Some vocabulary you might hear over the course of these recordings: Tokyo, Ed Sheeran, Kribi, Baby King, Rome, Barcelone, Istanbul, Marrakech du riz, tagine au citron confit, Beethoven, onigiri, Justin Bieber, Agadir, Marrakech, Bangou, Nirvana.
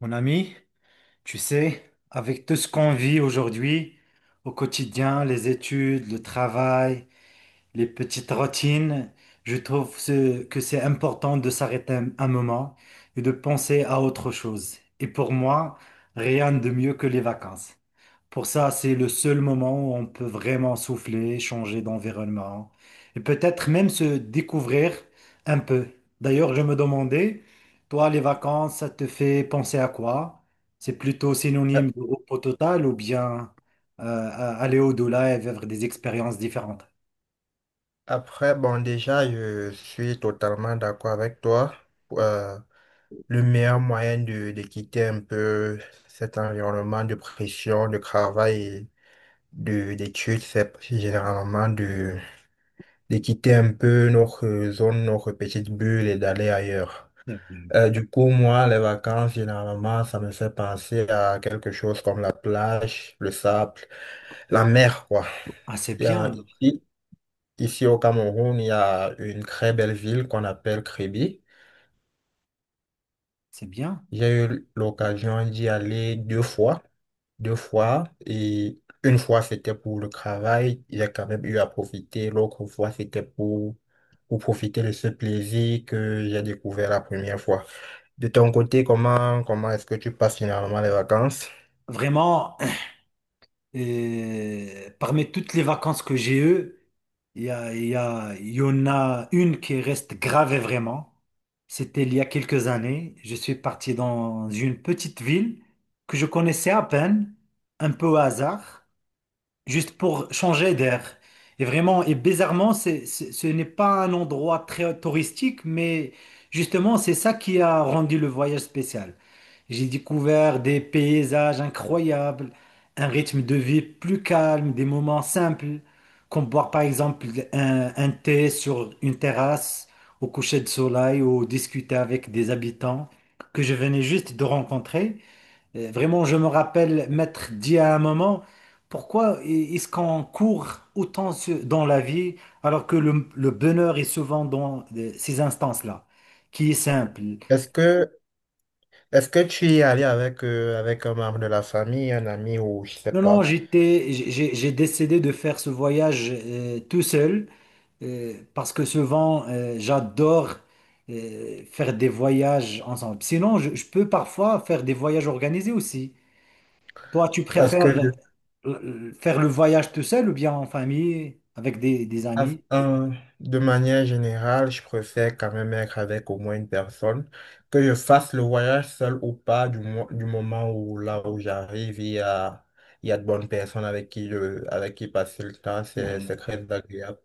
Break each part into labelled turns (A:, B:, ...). A: Mon ami, tu sais, avec tout ce qu'on vit aujourd'hui, au quotidien, les études, le travail, les petites routines, que c'est important de s'arrêter un moment et de penser à autre chose. Et pour moi, rien de mieux que les vacances. Pour ça, c'est le seul moment où on peut vraiment souffler, changer d'environnement et peut-être même se découvrir un peu. D'ailleurs, je me demandais, toi, les vacances, ça te fait penser à quoi? C'est plutôt
B: Euh,
A: synonyme de repos total ou bien aller au-delà et vivre des expériences différentes?
B: Après, bon, déjà, je suis totalement d'accord avec toi. Euh, le meilleur moyen de quitter un peu cet environnement de pression, de travail et d'études, c'est généralement de quitter un peu notre zone, notre petite bulle et d'aller ailleurs.
A: Mhm.
B: Du coup, moi, les vacances, généralement, ça me fait penser à quelque chose comme la plage, le sable, la mer, quoi.
A: Ah, c'est bien,
B: Euh,
A: alors.
B: Ici, Ici au Cameroun, il y a une très belle ville qu'on appelle Kribi.
A: C'est bien.
B: J'ai eu l'occasion d'y aller deux fois. Deux fois. Et une fois, c'était pour le travail. J'ai quand même eu à profiter. L'autre fois, c'était pour profiter de ce plaisir que j'ai découvert la première fois. De ton côté, comment est-ce que tu passes finalement les vacances?
A: Vraiment. Et parmi toutes les vacances que j'ai eues, il y en a une qui reste gravée vraiment. C'était il y a quelques années. Je suis parti dans une petite ville que je connaissais à peine, un peu au hasard, juste pour changer d'air. Et vraiment, et bizarrement, ce n'est pas un endroit très touristique, mais justement, c'est ça qui a rendu le voyage spécial. J'ai découvert des paysages incroyables, un rythme de vie plus calme, des moments simples, comme boire par exemple un thé sur une terrasse au coucher de soleil ou discuter avec des habitants que je venais juste de rencontrer. Vraiment, je me rappelle m'être dit à un moment, pourquoi est-ce qu'on court autant dans la vie alors que le bonheur est souvent dans ces instances-là, qui est simple.
B: Est-ce que, est-ce que tu y es allé avec, avec un membre de la famille, un ami ou je sais
A: Non, non,
B: pas?
A: décidé de faire ce voyage tout seul parce que souvent, j'adore faire des voyages ensemble. Sinon, je peux parfois faire des voyages organisés aussi. Toi, tu
B: Parce
A: préfères
B: que je
A: faire le voyage tout seul ou bien en famille, avec des
B: Af-
A: amis?
B: De manière générale, je préfère quand même être avec au moins une personne, que je fasse le voyage seul ou pas, du moment où là où j'arrive, il y a de bonnes personnes avec avec qui passer le temps,
A: C'est
B: c'est
A: vrai.
B: très agréable.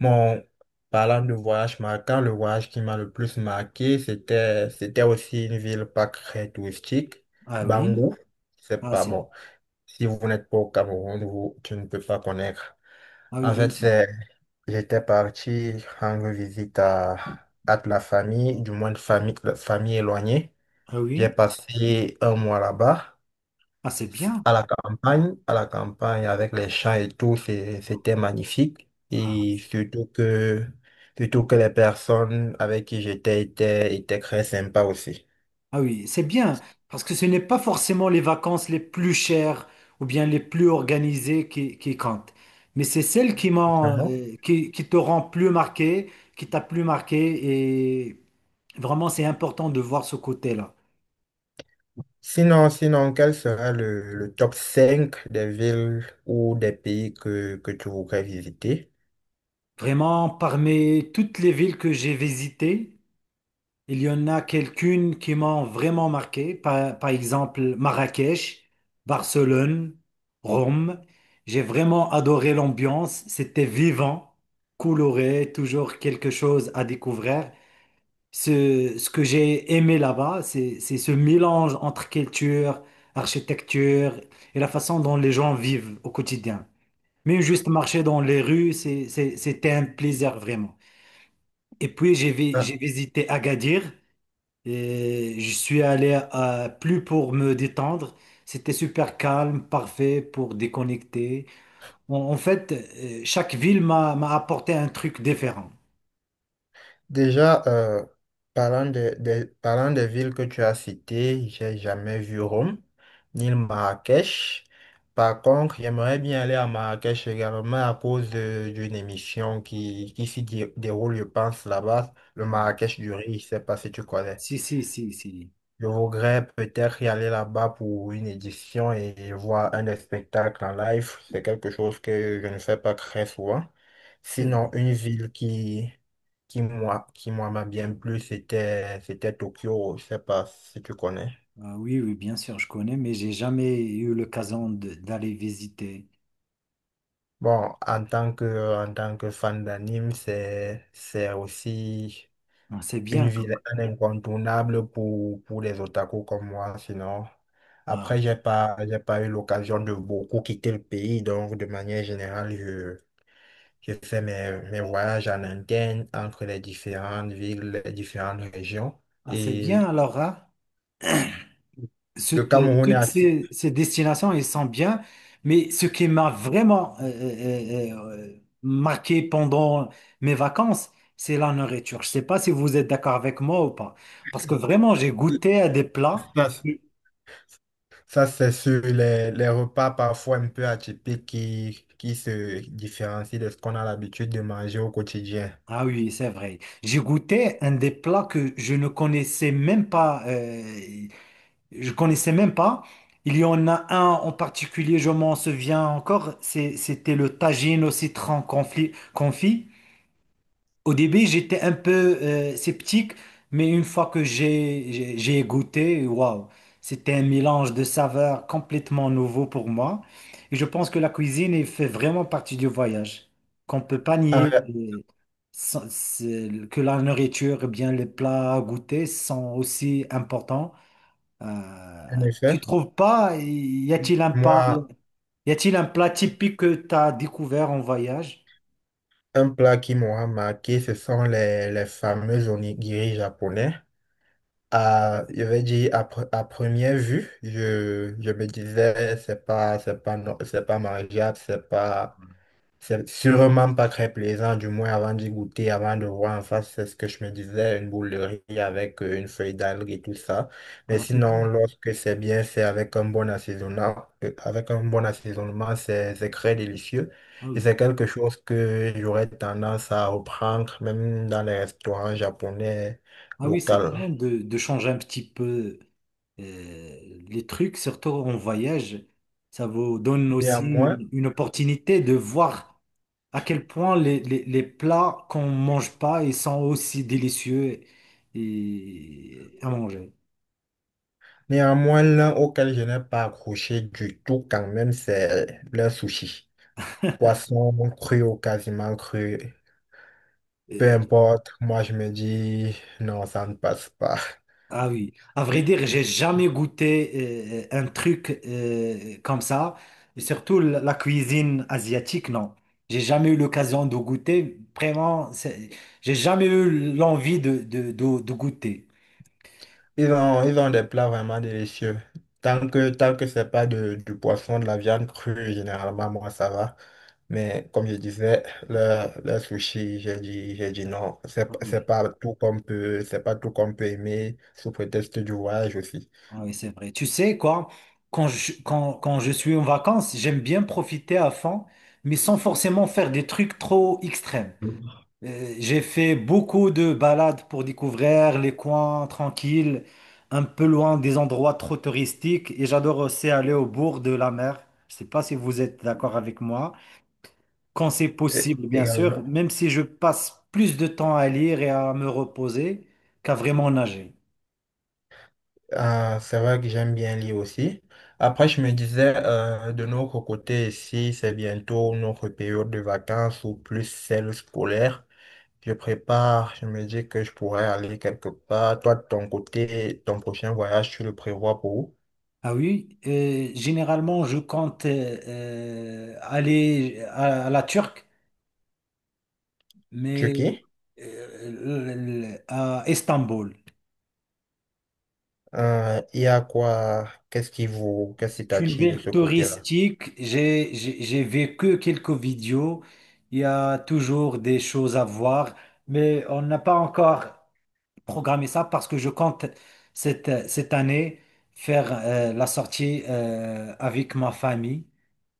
B: Bon, parlant de voyage marquant, le voyage qui m'a le plus marqué, c'était aussi une ville pas très touristique,
A: Ah oui?
B: Bangou, c'est
A: Ah,
B: pas
A: c'est...
B: bon. Si vous n'êtes pas au Cameroun, vous, tu ne peux pas connaître.
A: Ah oui,
B: En fait,
A: bien sûr.
B: c'est J'étais parti rendre visite à de la famille, du moins de famille éloignée.
A: Ah
B: J'ai
A: oui?
B: passé un mois là-bas,
A: Ah, c'est bien.
B: à la campagne avec les champs et tout, c'était magnifique. Et
A: Ah.
B: surtout que les personnes avec qui j'étais étaient très sympas aussi.
A: Ah oui, c'est bien, parce que ce n'est pas forcément les vacances les plus chères ou bien les plus organisées qui comptent, mais c'est celles qui m'ont,
B: Vraiment.
A: qui te rend plus marqué, qui t'a plus marqué, et vraiment c'est important de voir ce côté-là.
B: Sinon, quel sera le top 5 des villes ou des pays que tu voudrais visiter?
A: Vraiment, parmi toutes les villes que j'ai visitées, il y en a quelques-unes qui m'ont vraiment marqué, par exemple Marrakech, Barcelone, Rome. J'ai vraiment adoré l'ambiance, c'était vivant, coloré, toujours quelque chose à découvrir. Ce que j'ai aimé là-bas, c'est ce mélange entre culture, architecture et la façon dont les gens vivent au quotidien. Même juste marcher dans les rues, c'était un plaisir vraiment. Et puis
B: Euh,
A: j'ai visité Agadir. Et je suis allé plus pour me détendre. C'était super calme, parfait pour déconnecter. En fait, chaque ville m'a apporté un truc différent.
B: Déjà, parlant parlant des villes que tu as citées, j'ai jamais vu Rome, ni le Marrakech. Par contre, j'aimerais bien aller à Marrakech également à cause d'une émission qui s'y déroule, je pense, là-bas, le
A: Ah,
B: Marrakech du riz, je sais pas si tu connais.
A: si, si, si, si,
B: Je voudrais peut-être y aller là-bas pour une édition et voir un des spectacles en live. C'est quelque chose que je ne fais pas très souvent.
A: c'est
B: Sinon,
A: vrai.
B: une ville qui moi m'a bien plu, c'était Tokyo. Je sais pas si tu connais.
A: Ah oui, oui, bien sûr, je connais, mais j'ai jamais eu l'occasion d'aller visiter.
B: Bon, en tant que fan d'anime, c'est aussi
A: Ah, c'est bien.
B: une
A: Comme...
B: ville incontournable pour les otaku comme moi, sinon. Après,
A: Ah.
B: j'ai pas eu l'occasion de beaucoup quitter le pays, donc de manière générale, je fais mes voyages en interne entre les différentes villes, les différentes régions.
A: Ah, c'est
B: Et
A: bien alors, hein?
B: le
A: Toutes,
B: Cameroun est
A: toutes
B: assez...
A: ces destinations, elles sont bien, mais ce qui m'a vraiment marqué pendant mes vacances, c'est la nourriture. Je ne sais pas si vous êtes d'accord avec moi ou pas, parce que vraiment, j'ai goûté à des plats.
B: ça, ça c'est sur les repas parfois un peu atypiques qui se différencient de ce qu'on a l'habitude de manger au quotidien.
A: Ah oui, c'est vrai. J'ai goûté un des plats que je ne connaissais même pas. Je connaissais même pas. Il y en a un en particulier, je m'en souviens encore. C'était le tagine au citron confit. Confit. Au début, j'étais un peu sceptique, mais une fois que j'ai goûté, waouh, c'était un mélange de saveurs complètement nouveau pour moi. Et je pense que la cuisine elle fait vraiment partie du voyage, qu'on peut pas nier
B: Ah,
A: que la nourriture, eh bien les plats à goûter sont aussi importants.
B: en effet,
A: Tu trouves pas,
B: moi,
A: y a-t-il un plat typique que tu as découvert en voyage?
B: un plat qui m'aura marqué, ce sont les fameux onigiri japonais. À, je vais dire, à, pre- À première vue, je me disais, c'est pas mangeable, c'est pas. C'est sûrement pas très plaisant, du moins avant d'y goûter, avant de voir en face, c'est ce que je me disais, une boule de riz avec une feuille d'algue et tout ça. Mais
A: Ah, c'est bien.
B: sinon, lorsque c'est bien fait avec un bon assaisonnement, c'est très délicieux.
A: Ah
B: Et
A: oui.
B: c'est quelque chose que j'aurais tendance à reprendre, même dans les restaurants japonais
A: Ah oui, c'est
B: locaux.
A: bien de changer un petit peu les trucs, surtout en voyage. Ça vous donne aussi
B: Néanmoins,
A: une opportunité de voir à quel point les plats qu'on mange pas, ils sont aussi délicieux et, à manger.
B: néanmoins, l'un auquel je n'ai pas accroché du tout quand même, c'est le sushi. Poisson cru ou quasiment cru, peu
A: Euh,
B: importe, moi je me dis non, ça ne passe pas.
A: Ah oui, à vrai dire, j'ai jamais goûté un truc comme ça, et surtout la cuisine asiatique, non. J'ai jamais eu l'occasion de goûter, vraiment, j'ai jamais eu l'envie de goûter.
B: Ils ont des plats vraiment délicieux. Tant que c'est pas du poisson, de la viande crue, généralement, moi, ça va. Mais comme je disais, le sushi, j'ai dit non.
A: Ah
B: C'est
A: oui,
B: pas tout qu'on peut, c'est pas tout qu'on peut aimer sous prétexte du voyage aussi.
A: ah oui, c'est vrai. Tu sais quoi, quand je suis en vacances, j'aime bien profiter à fond, mais sans forcément faire des trucs trop extrêmes.
B: Mm.
A: J'ai fait beaucoup de balades pour découvrir les coins tranquilles, un peu loin des endroits trop touristiques, et j'adore aussi aller au bord de la mer. Je sais pas si vous êtes d'accord avec moi. Quand c'est
B: Et
A: possible, bien sûr,
B: également.
A: même si je passe plus de temps à lire et à me reposer qu'à vraiment nager.
B: Ah, c'est vrai que j'aime bien lire aussi. Après, je me disais, de notre côté ici, c'est bientôt notre période de vacances ou plus celle scolaire. Je prépare, je me dis que je pourrais aller quelque part. Toi, de ton côté, ton prochain voyage, tu le prévois pour où?
A: Ah oui, généralement, je compte aller à la Turque, mais
B: Turquie?
A: à Istanbul.
B: Il y a quoi? Qu'est-ce qui
A: C'est une
B: t'attire de
A: ville
B: ce côté-là?
A: touristique. J'ai vécu quelques vidéos. Il y a toujours des choses à voir, mais on n'a pas encore programmé ça parce que je compte cette année faire la sortie avec ma famille,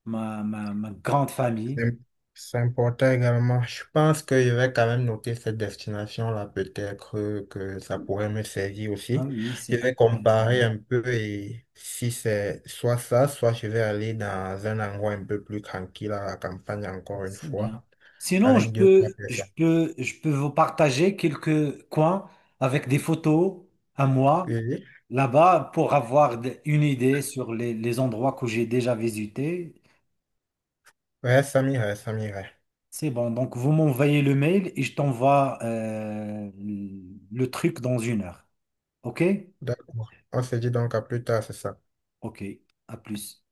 A: ma grande famille.
B: C'est c'est important également. Je pense que je vais quand même noter cette destination-là, peut-être que ça pourrait me servir
A: Ah
B: aussi.
A: oui,
B: Je
A: c'est
B: vais
A: intéressant.
B: comparer un peu et si c'est soit ça, soit je vais aller dans un endroit un peu plus tranquille à la campagne encore une
A: C'est bien.
B: fois,
A: Sinon,
B: avec deux ou trois personnes.
A: je peux vous partager quelques coins avec des photos à moi
B: Oui, oui.
A: là-bas pour avoir une idée sur les endroits que j'ai déjà visités.
B: Ouais, ça m'irait, ça m'irait.
A: C'est bon. Donc, vous m'envoyez le mail et je t'envoie le truc dans une heure. OK?
B: D'accord. On se dit donc à plus tard, c'est ça.
A: OK. À plus.